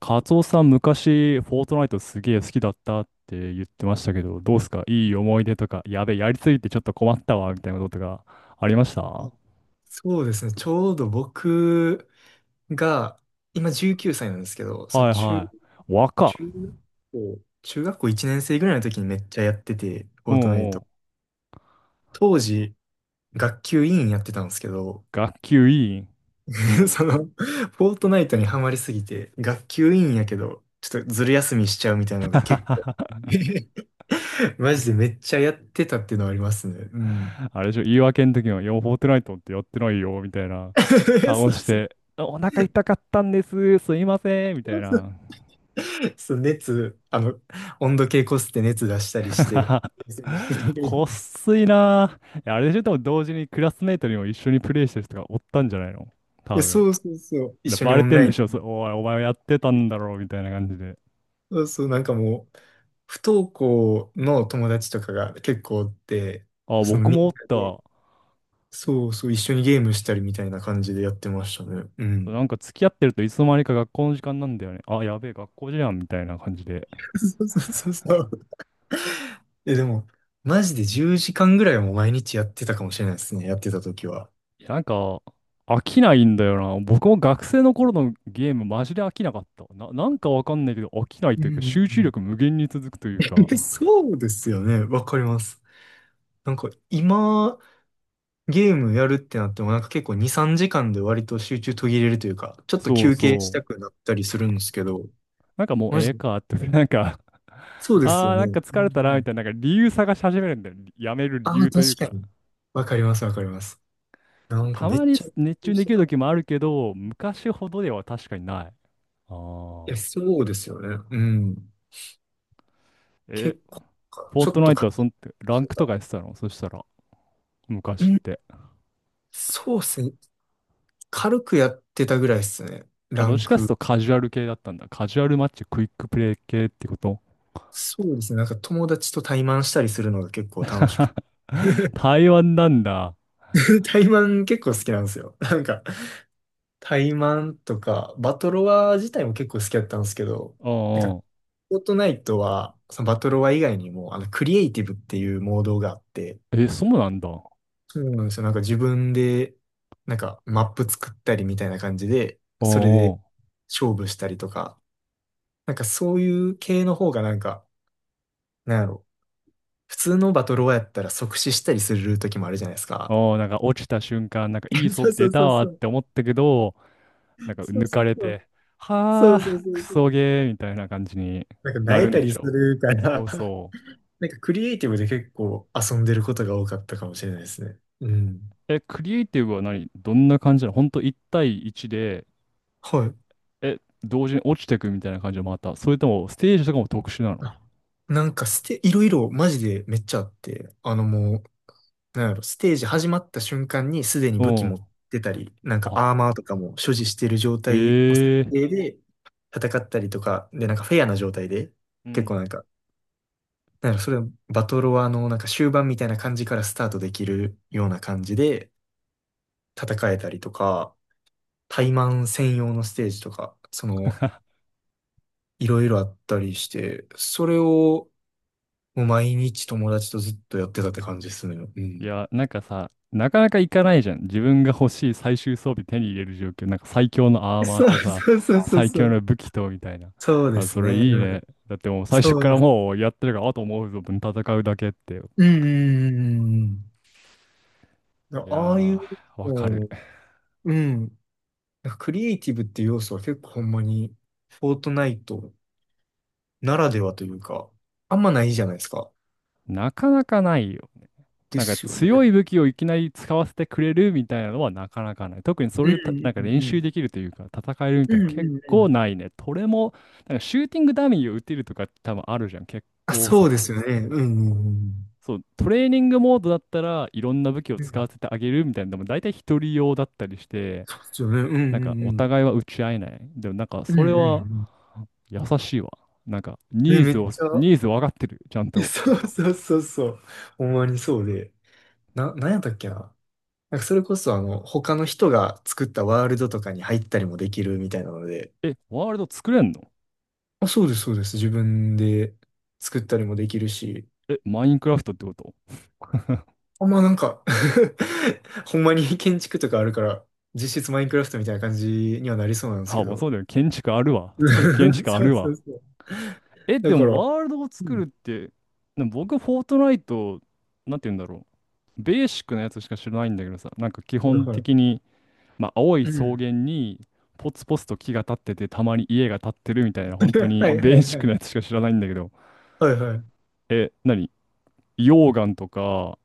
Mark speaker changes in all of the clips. Speaker 1: カツオさん、昔、フォートナイトすげえ好きだったって言ってましたけど、どうすか？いい思い出とか、やべえ、やりすぎてちょっと困ったわ、みたいなことがありましたは？
Speaker 2: そうですね。ちょうど僕が、今19歳なんですけど、
Speaker 1: いはい。若。
Speaker 2: 中学中学校1年生ぐらいの時にめっちゃやってて、フ
Speaker 1: う
Speaker 2: ォートナイ
Speaker 1: んう
Speaker 2: ト。
Speaker 1: ん。
Speaker 2: 当時、学級委員やってたんですけど、
Speaker 1: 学級委員。う ん。
Speaker 2: その、フォートナイトにハマりすぎて、学級委員やけど、ちょっとずる休みしちゃうみたいなのが結構、マジでめっちゃやってたっていうのはありますね。うん。
Speaker 1: あれでしょ、言い訳の時は、いや、フォートナイトってやってないよ、みたいな 顔
Speaker 2: そう
Speaker 1: し
Speaker 2: そう
Speaker 1: て、お腹痛かったんです、すいません、みたいな。
Speaker 2: そう熱、温度計こすって熱出したりして。
Speaker 1: こっ すいなぁ。いやあれでしょ、でも同時にクラスメイトにも一緒にプレイしてる人がおったんじゃないの？多分。
Speaker 2: そうそうそう。一
Speaker 1: で
Speaker 2: 緒に
Speaker 1: バ
Speaker 2: オ
Speaker 1: レ
Speaker 2: ン
Speaker 1: てん
Speaker 2: ライ
Speaker 1: で
Speaker 2: ン。
Speaker 1: しょ、そおい、お前はやってたんだろうみたいな感じで。
Speaker 2: そうそう、なんかもう、不登校の友達とかが結構おって、
Speaker 1: あ、
Speaker 2: その
Speaker 1: 僕
Speaker 2: みん
Speaker 1: も
Speaker 2: な
Speaker 1: おっ
Speaker 2: で、
Speaker 1: た。
Speaker 2: そうそう、一緒にゲームしたりみたいな感じでやってましたね。う
Speaker 1: な
Speaker 2: ん。
Speaker 1: んか付き合ってるといつの間にか学校の時間なんだよね。あ、やべえ、学校じゃんみたいな感じで。
Speaker 2: そうそうそうそう。え、でも、マジで10時間ぐらいはもう毎日やってたかもしれないですね。やってた時は。
Speaker 1: いや、飽きないんだよな。僕も学生の頃のゲームマジで飽きなかった。なんかわかんないけど飽きない
Speaker 2: うん
Speaker 1: というか
Speaker 2: うんう
Speaker 1: 集中
Speaker 2: ん。
Speaker 1: 力無限に続くというか。
Speaker 2: そうですよね。わかります。なんか今、ゲームやるってなってもなんか結構2、3時間で割と集中途切れるというか、ちょっと
Speaker 1: そう
Speaker 2: 休憩し
Speaker 1: そ
Speaker 2: た
Speaker 1: う。
Speaker 2: くなったりするんですけど、
Speaker 1: なんかもう
Speaker 2: マ
Speaker 1: え
Speaker 2: ジ
Speaker 1: え
Speaker 2: で。
Speaker 1: かって、なんか
Speaker 2: そうです
Speaker 1: あ
Speaker 2: よ
Speaker 1: ー、
Speaker 2: ね。
Speaker 1: な
Speaker 2: う
Speaker 1: んか
Speaker 2: んう
Speaker 1: 疲れたな、み
Speaker 2: ん、
Speaker 1: たいな、なんか理由探し始めるんだよ。やめる
Speaker 2: あ
Speaker 1: 理
Speaker 2: あ、
Speaker 1: 由という
Speaker 2: 確
Speaker 1: か。
Speaker 2: かに。わかります、わかります。な
Speaker 1: まあ
Speaker 2: んか
Speaker 1: た
Speaker 2: め
Speaker 1: ま
Speaker 2: っ
Speaker 1: に
Speaker 2: ちゃ、
Speaker 1: 熱中
Speaker 2: し
Speaker 1: で
Speaker 2: て
Speaker 1: きる
Speaker 2: た。い
Speaker 1: 時もあるけど、昔ほどでは確かにない。あ
Speaker 2: や、
Speaker 1: あ。
Speaker 2: そうですよね。うん。
Speaker 1: え、
Speaker 2: 結構か、
Speaker 1: フォー
Speaker 2: ちょ
Speaker 1: ト
Speaker 2: っ
Speaker 1: ナ
Speaker 2: と
Speaker 1: イト
Speaker 2: か、
Speaker 1: はそん、ラ
Speaker 2: し
Speaker 1: ン
Speaker 2: て
Speaker 1: クと
Speaker 2: た。
Speaker 1: かやってたのそしたら、
Speaker 2: う
Speaker 1: 昔っ
Speaker 2: ん。
Speaker 1: て？
Speaker 2: そうですね。軽くやってたぐらいですね。
Speaker 1: あ、
Speaker 2: ラ
Speaker 1: どっ
Speaker 2: ン
Speaker 1: ちかっていう
Speaker 2: ク。
Speaker 1: とカジュアル系だったんだ。カジュアルマッチ、クイックプレイ系ってこと？
Speaker 2: そうですね。なんか友達と対マンしたりするのが結構楽しく て。
Speaker 1: 台湾なんだ。
Speaker 2: 対マン結構好きなんですよ。なんか、タイマンとか、バトロワ自体も結構好きだったんですけど、
Speaker 1: う
Speaker 2: な
Speaker 1: ん
Speaker 2: ん
Speaker 1: う
Speaker 2: か、
Speaker 1: ん。
Speaker 2: フォートナイトは、そのバトロワ以外にも、クリエイティブっていうモードがあって、
Speaker 1: え、そうなんだ。う
Speaker 2: そうなんですよ。なんか自分で、なんかマップ作ったりみたいな感じで、それ
Speaker 1: んう
Speaker 2: で
Speaker 1: ん。
Speaker 2: 勝負したりとか、なんかそういう系の方がなんか、なんやろ、普通のバトロワやったら即死したりする時もあるじゃないですか。
Speaker 1: うんなんか落ちた瞬間、なんかいい 装備
Speaker 2: そうそ
Speaker 1: 出
Speaker 2: うそ
Speaker 1: た
Speaker 2: う
Speaker 1: わっ
Speaker 2: そう。
Speaker 1: て思ったけど、なんか
Speaker 2: そう
Speaker 1: 抜
Speaker 2: そ
Speaker 1: か
Speaker 2: う
Speaker 1: れ
Speaker 2: そう。
Speaker 1: て、
Speaker 2: そ
Speaker 1: は
Speaker 2: うそう
Speaker 1: あ、
Speaker 2: そ
Speaker 1: ク
Speaker 2: うそ
Speaker 1: ソ
Speaker 2: う。
Speaker 1: ゲーみたいな感じに
Speaker 2: なんか、萎
Speaker 1: な
Speaker 2: え
Speaker 1: るん
Speaker 2: た
Speaker 1: で
Speaker 2: り
Speaker 1: し
Speaker 2: す
Speaker 1: ょ
Speaker 2: るか
Speaker 1: う。そ
Speaker 2: ら
Speaker 1: う そ
Speaker 2: なんかクリエイティブで結構遊んでることが多かったかもしれないですね。うん。
Speaker 1: う。え、クリエイティブは何どんな感じなの？本当1対1で、
Speaker 2: はい。
Speaker 1: え、同時に落ちてくみたいな感じで回った？それともステージとかも特殊なの？
Speaker 2: あなんかいろいろマジでめっちゃあって、もう、なんやろ、ステージ始まった瞬間にすでに
Speaker 1: う
Speaker 2: 武器持
Speaker 1: ん。
Speaker 2: ってたり、なんかアー
Speaker 1: あ、
Speaker 2: マーとかも所持してる状態の設
Speaker 1: ええ
Speaker 2: 定で戦ったりとか、で、なんかフェアな状態で、
Speaker 1: う
Speaker 2: 結構な
Speaker 1: ん。
Speaker 2: んか、なんやろ、それはバトロワのなんか終盤みたいな感じからスタートできるような感じで戦えたりとか、タイマン専用のステージとか、いろいろあったりして、それをもう毎日友達とずっとやってたって感じですね。う
Speaker 1: い
Speaker 2: ん。
Speaker 1: や、なんかさ、なかなかいかないじゃん。自分が欲しい最終装備手に入れる状況。なんか最強のアーマー
Speaker 2: そう
Speaker 1: とさ、
Speaker 2: そうそうそう
Speaker 1: 最
Speaker 2: そ
Speaker 1: 強の
Speaker 2: う。
Speaker 1: 武器とみたいな。
Speaker 2: そうで
Speaker 1: あ、
Speaker 2: す
Speaker 1: そ
Speaker 2: ね。
Speaker 1: れいい
Speaker 2: う
Speaker 1: ね。
Speaker 2: ん。
Speaker 1: だってもう最
Speaker 2: そ
Speaker 1: 初か
Speaker 2: うで
Speaker 1: ら
Speaker 2: す。
Speaker 1: もうやってるから、あともう存分戦うだけって。
Speaker 2: うんうんうんうんうん。
Speaker 1: いやー、
Speaker 2: ああいう、こ
Speaker 1: わか
Speaker 2: う
Speaker 1: る。
Speaker 2: ん。うん。なんかクリエイティブっていう要素は結構ほんまに、フォートナイトならではというか、あんまないじゃないですか。
Speaker 1: なかなかないよ。
Speaker 2: で
Speaker 1: なんか
Speaker 2: すよね。
Speaker 1: 強い武器をいきなり使わせてくれるみたいなのはなかなかない。特にそ
Speaker 2: う
Speaker 1: れでたな
Speaker 2: ん
Speaker 1: んか
Speaker 2: う
Speaker 1: 練
Speaker 2: んう
Speaker 1: 習
Speaker 2: ん。
Speaker 1: できるというか、戦えるみた
Speaker 2: う
Speaker 1: い
Speaker 2: ん
Speaker 1: な
Speaker 2: う
Speaker 1: 結
Speaker 2: んう
Speaker 1: 構
Speaker 2: ん。
Speaker 1: ないね。これも、なんかシューティングダミーを打てるとか多分あるじゃん。結
Speaker 2: あ、
Speaker 1: 構
Speaker 2: そ
Speaker 1: そ
Speaker 2: うで
Speaker 1: こ。
Speaker 2: すよね。うんうんうん。
Speaker 1: そう、トレーニングモードだったらいろんな武器を
Speaker 2: う
Speaker 1: 使わ
Speaker 2: ん。
Speaker 1: せてあげるみたいなでも大体一人用だったりして、
Speaker 2: そうですよね。うんう
Speaker 1: なんか
Speaker 2: ん
Speaker 1: お
Speaker 2: うん。
Speaker 1: 互いは打ち合えない。でもなんか
Speaker 2: うん
Speaker 1: そ
Speaker 2: う
Speaker 1: れ
Speaker 2: んう
Speaker 1: は
Speaker 2: ん。
Speaker 1: 優しいわ。
Speaker 2: ね、めっちゃ、
Speaker 1: ニーズ分かってる。ちゃん
Speaker 2: え、
Speaker 1: と。
Speaker 2: そうそうそうそう。ほんまにそうで。なんやったっけな。なんかそれこそ他の人が作ったワールドとかに入ったりもできるみたいなので。
Speaker 1: え、ワールド作れんの？
Speaker 2: あ、そうです、そうです。自分で作ったりもできるし。
Speaker 1: え、マインクラフトってこと？
Speaker 2: あ、まあなんか ほんまに建築とかあるから、実質マインクラフトみたいな感じにはなりそうなんですけ
Speaker 1: あ、まあそ
Speaker 2: ど。
Speaker 1: うだよ。建築あるわ。そうだ、建 築あ
Speaker 2: そう
Speaker 1: る
Speaker 2: そ
Speaker 1: わ。
Speaker 2: うそう。
Speaker 1: え、
Speaker 2: だ
Speaker 1: で
Speaker 2: か
Speaker 1: も
Speaker 2: ら、
Speaker 1: ワールドを
Speaker 2: う
Speaker 1: 作る
Speaker 2: ん。
Speaker 1: って、でも僕、フォートナイト、なんて言うんだろう。ベーシックなやつしか知らないんだけどさ、なんか基
Speaker 2: はい
Speaker 1: 本
Speaker 2: はい。
Speaker 1: 的に、まあ、青い
Speaker 2: う
Speaker 1: 草
Speaker 2: ん。
Speaker 1: 原にポツポツと木が立っててたまに家が建ってるみたいな本当
Speaker 2: は
Speaker 1: に
Speaker 2: い
Speaker 1: ベ
Speaker 2: は
Speaker 1: ー
Speaker 2: い
Speaker 1: シッ
Speaker 2: は
Speaker 1: クな
Speaker 2: い。
Speaker 1: やつしか知らないんだけど、
Speaker 2: はいはい。
Speaker 1: え何？溶岩とか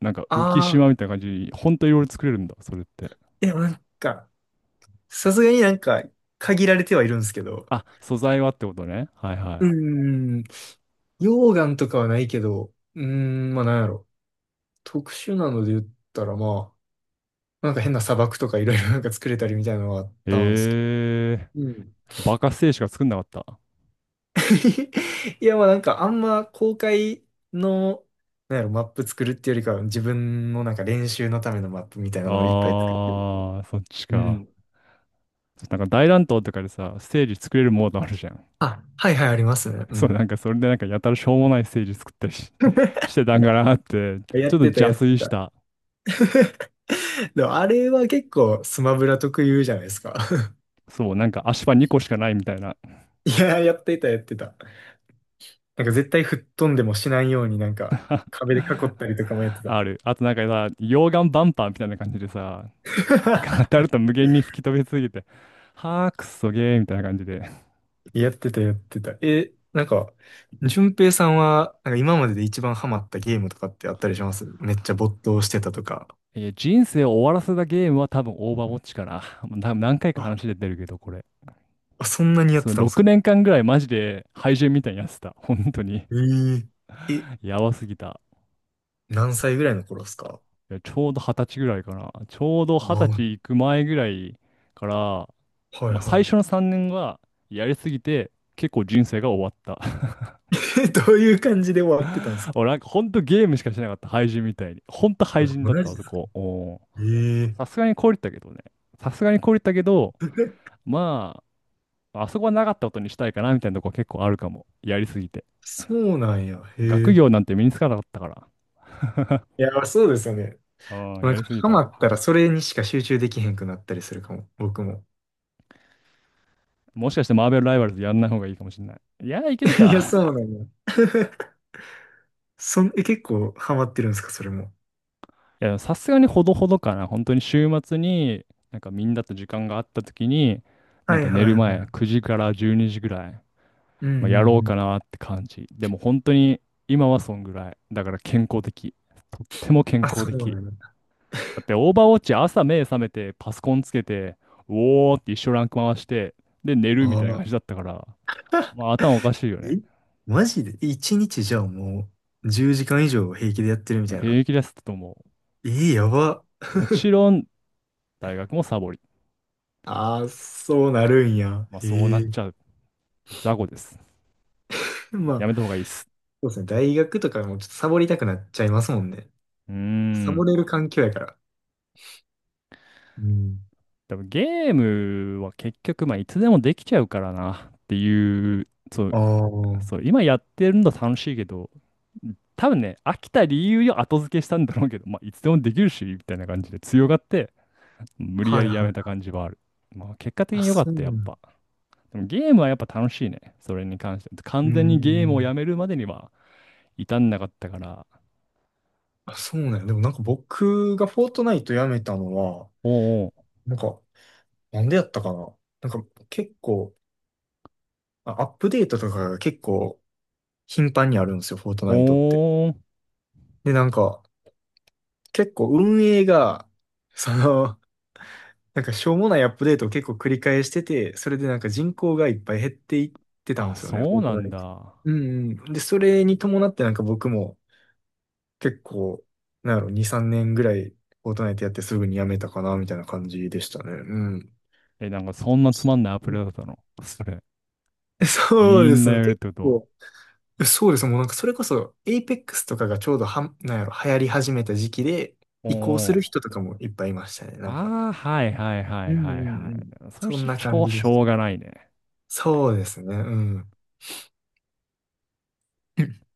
Speaker 1: なんか浮
Speaker 2: あ
Speaker 1: 島
Speaker 2: あ。
Speaker 1: みたいな感じに本当いろいろ作れるんだ、それって？
Speaker 2: でもなんか、さすがになんか、限られてはいるんですけど、
Speaker 1: あ、素材はってことね。はいは
Speaker 2: うー
Speaker 1: い。
Speaker 2: ん、溶岩とかはないけど、うーん、まあなんやろ。特殊なので言ったらまあ、なんか変な砂漠とかいろいろなんか作れたりみたいなのはあったんですけど。
Speaker 1: えー、
Speaker 2: うん。
Speaker 1: バカステージしか作んなかった？
Speaker 2: いやまあなんかあんま公開の、なんやろ、マップ作るっていうよりかは自分のなんか練習のためのマップみたいなのをいっぱい
Speaker 1: あ
Speaker 2: 作ってる。
Speaker 1: ー、そっち
Speaker 2: う
Speaker 1: か。
Speaker 2: ん。
Speaker 1: なんか大乱闘とかでさステージ作れるモードあるじゃん。
Speaker 2: あ、はいはいありますね。う
Speaker 1: そうな
Speaker 2: ん。
Speaker 1: んかそれでなんかやたらしょうもないステージ作ったりし、し てたんかなってち
Speaker 2: やっ
Speaker 1: ょっと
Speaker 2: てた
Speaker 1: 邪
Speaker 2: やって
Speaker 1: 推し
Speaker 2: た。
Speaker 1: た。
Speaker 2: でもあれは結構スマブラ特有じゃないですか。
Speaker 1: そう、なんか足場2個しかないみたいな。
Speaker 2: いやー、やってた、やってた。なんか絶対吹っ飛んでもしないようになんか 壁で囲ったりとかもやってた。
Speaker 1: ある。あとなんかさ、溶岩バンパーみたいな感じでさ、なんか当た ると無限に吹き飛びすぎて、はあ、くっそゲーみたいな感じで。
Speaker 2: やってた、やってた。え、なんか、淳平さんは、なんか今までで一番ハマったゲームとかってあったりします？めっちゃ没頭してたとか。
Speaker 1: えー人生を終わらせたゲームは多分オーバーウォッチかな。もう多分何回か
Speaker 2: あ、
Speaker 1: 話出てるけど、これ。
Speaker 2: あ、そんなにやっ
Speaker 1: その
Speaker 2: てたんです
Speaker 1: 6
Speaker 2: か？
Speaker 1: 年間ぐらいマジで廃人みたいにやってた。本当に。
Speaker 2: えええ、
Speaker 1: やばすぎた。
Speaker 2: 何歳ぐらいの頃ですか？
Speaker 1: いや、ちょうど二十歳ぐらいかな。ちょうど
Speaker 2: あ
Speaker 1: 二十
Speaker 2: あ、は
Speaker 1: 歳行く前ぐらいから、
Speaker 2: い
Speaker 1: まあ、最
Speaker 2: は
Speaker 1: 初の3年はやりすぎて、結構人生が終わった。
Speaker 2: い。え、どういう感じで終わってたんです か？
Speaker 1: 俺なんかほんとゲームしかしなかった、廃人みたいに。ほんと
Speaker 2: あ、
Speaker 1: 廃人だっ
Speaker 2: マ
Speaker 1: た、
Speaker 2: ジ
Speaker 1: あ
Speaker 2: で
Speaker 1: そ
Speaker 2: すか？
Speaker 1: こ。おー、
Speaker 2: え
Speaker 1: さす
Speaker 2: え、
Speaker 1: がに凍りったけどね。さすがに凍りったけど、まあ、あそこはなかったことにしたいかなみたいなとこ結構あるかも。やりすぎて。
Speaker 2: そうなんや。へ
Speaker 1: 学
Speaker 2: え。
Speaker 1: 業なんて身につかなかったから。
Speaker 2: いや、そうですよね。
Speaker 1: うん、
Speaker 2: な
Speaker 1: や
Speaker 2: んか、
Speaker 1: りすぎ
Speaker 2: ハマ
Speaker 1: た。
Speaker 2: ったらそれにしか集中できへんくなったりするかも。僕も。
Speaker 1: もしかしてマーベルライバルズやんない方がいいかもしれない。いや、いける
Speaker 2: いや、
Speaker 1: か。
Speaker 2: そうなんや。そん、え、結構ハマってるんですか、それも？
Speaker 1: いや、さすがにほどほどかな。本当に週末に、なんかみんなと時間があった時に、なん
Speaker 2: はい
Speaker 1: か
Speaker 2: は
Speaker 1: 寝る
Speaker 2: いは
Speaker 1: 前、
Speaker 2: い。
Speaker 1: 9時から12時ぐらい、
Speaker 2: うん
Speaker 1: まあ、
Speaker 2: うん
Speaker 1: やろう
Speaker 2: うん。
Speaker 1: かなって感じ。でも本当に今はそんぐらい。だから健康的。とっても健
Speaker 2: あ、
Speaker 1: 康
Speaker 2: そう
Speaker 1: 的。
Speaker 2: なんや。
Speaker 1: だってオーバーウォッチ朝目覚めてパソコンつけて、うおーって一生ランク回して、で寝るみ
Speaker 2: あ
Speaker 1: たいな
Speaker 2: あ、
Speaker 1: 感じだったから、まあ頭おかしいよね。
Speaker 2: えマジで一日じゃあもう10時間以上平気でやってるみ
Speaker 1: まあ
Speaker 2: たいな。
Speaker 1: 平気ですってとも
Speaker 2: えー、やば。
Speaker 1: う。もちろん大学もサボり。
Speaker 2: ああ、そうなるんや。
Speaker 1: まあそうな
Speaker 2: え
Speaker 1: っ
Speaker 2: え。
Speaker 1: ちゃう。雑魚です。
Speaker 2: ま
Speaker 1: や
Speaker 2: あ、
Speaker 1: めた方がいいっす。
Speaker 2: そうですね。大学とかもちょっとサボりたくなっちゃいますもんね。
Speaker 1: うー
Speaker 2: サボ
Speaker 1: ん。
Speaker 2: れる環境やから。うん。
Speaker 1: でもゲームは結局まあいつでもできちゃうからなっていう、そ
Speaker 2: あ
Speaker 1: う、
Speaker 2: あ、
Speaker 1: そう、
Speaker 2: は
Speaker 1: 今やってるの楽しいけど、多分ね、飽きた理由を後付けしたんだろうけど、まあ、いつでもできるし、みたいな感じで強がって、無理や
Speaker 2: い
Speaker 1: りや
Speaker 2: は
Speaker 1: めた
Speaker 2: い。
Speaker 1: 感じはある。まあ、結果的
Speaker 2: あ、
Speaker 1: に良かっ
Speaker 2: そう
Speaker 1: た、や
Speaker 2: な
Speaker 1: っぱ。
Speaker 2: ん。
Speaker 1: でもゲームはやっぱ楽しいね。それに関して。
Speaker 2: う
Speaker 1: 完
Speaker 2: ー
Speaker 1: 全にゲームをや
Speaker 2: ん。
Speaker 1: めるまでには至んなかったから。
Speaker 2: あ、そうなんや。でもなんか僕がフォートナイトやめたのは、
Speaker 1: おー
Speaker 2: なんか、なんでやったかな。なんか結構、アップデートとかが結構頻繁にあるんですよ、フォートナイトって。
Speaker 1: おー、おー、
Speaker 2: で、なんか、結構運営が、その、なんかしょうもないアップデートを結構繰り返してて、それでなんか人口がいっぱい減っていっ
Speaker 1: あ、
Speaker 2: た、フォ
Speaker 1: そう
Speaker 2: ート
Speaker 1: な
Speaker 2: ナ
Speaker 1: ん
Speaker 2: イト。
Speaker 1: だ。
Speaker 2: うんうん。で、それに伴ってなんか僕も、結構、なんやろ、2、3年ぐらい、フォートナイトやってすぐにやめたかな、みたいな感じでしたね。うん。
Speaker 1: え、なんかそんなつま
Speaker 2: そ
Speaker 1: んないアプリだったの。それ。
Speaker 2: そう
Speaker 1: み
Speaker 2: で
Speaker 1: んな
Speaker 2: すね。
Speaker 1: やめるっ
Speaker 2: 結
Speaker 1: てことは。
Speaker 2: 構、そうですね。もうなんかそれこそ、エイペックスとかがちょうどなんやろ、流行り始めた時期で、
Speaker 1: おー
Speaker 2: 移行す
Speaker 1: お
Speaker 2: る人
Speaker 1: ー
Speaker 2: とかもいっぱいいましたね。なんか。
Speaker 1: ああ、はいはいは
Speaker 2: う
Speaker 1: い
Speaker 2: んう
Speaker 1: はい
Speaker 2: ん
Speaker 1: は
Speaker 2: うん。
Speaker 1: い。それ
Speaker 2: そん
Speaker 1: し
Speaker 2: な感
Speaker 1: ょ、
Speaker 2: じで
Speaker 1: し
Speaker 2: す。
Speaker 1: ょうがないね。
Speaker 2: そうですね。うん。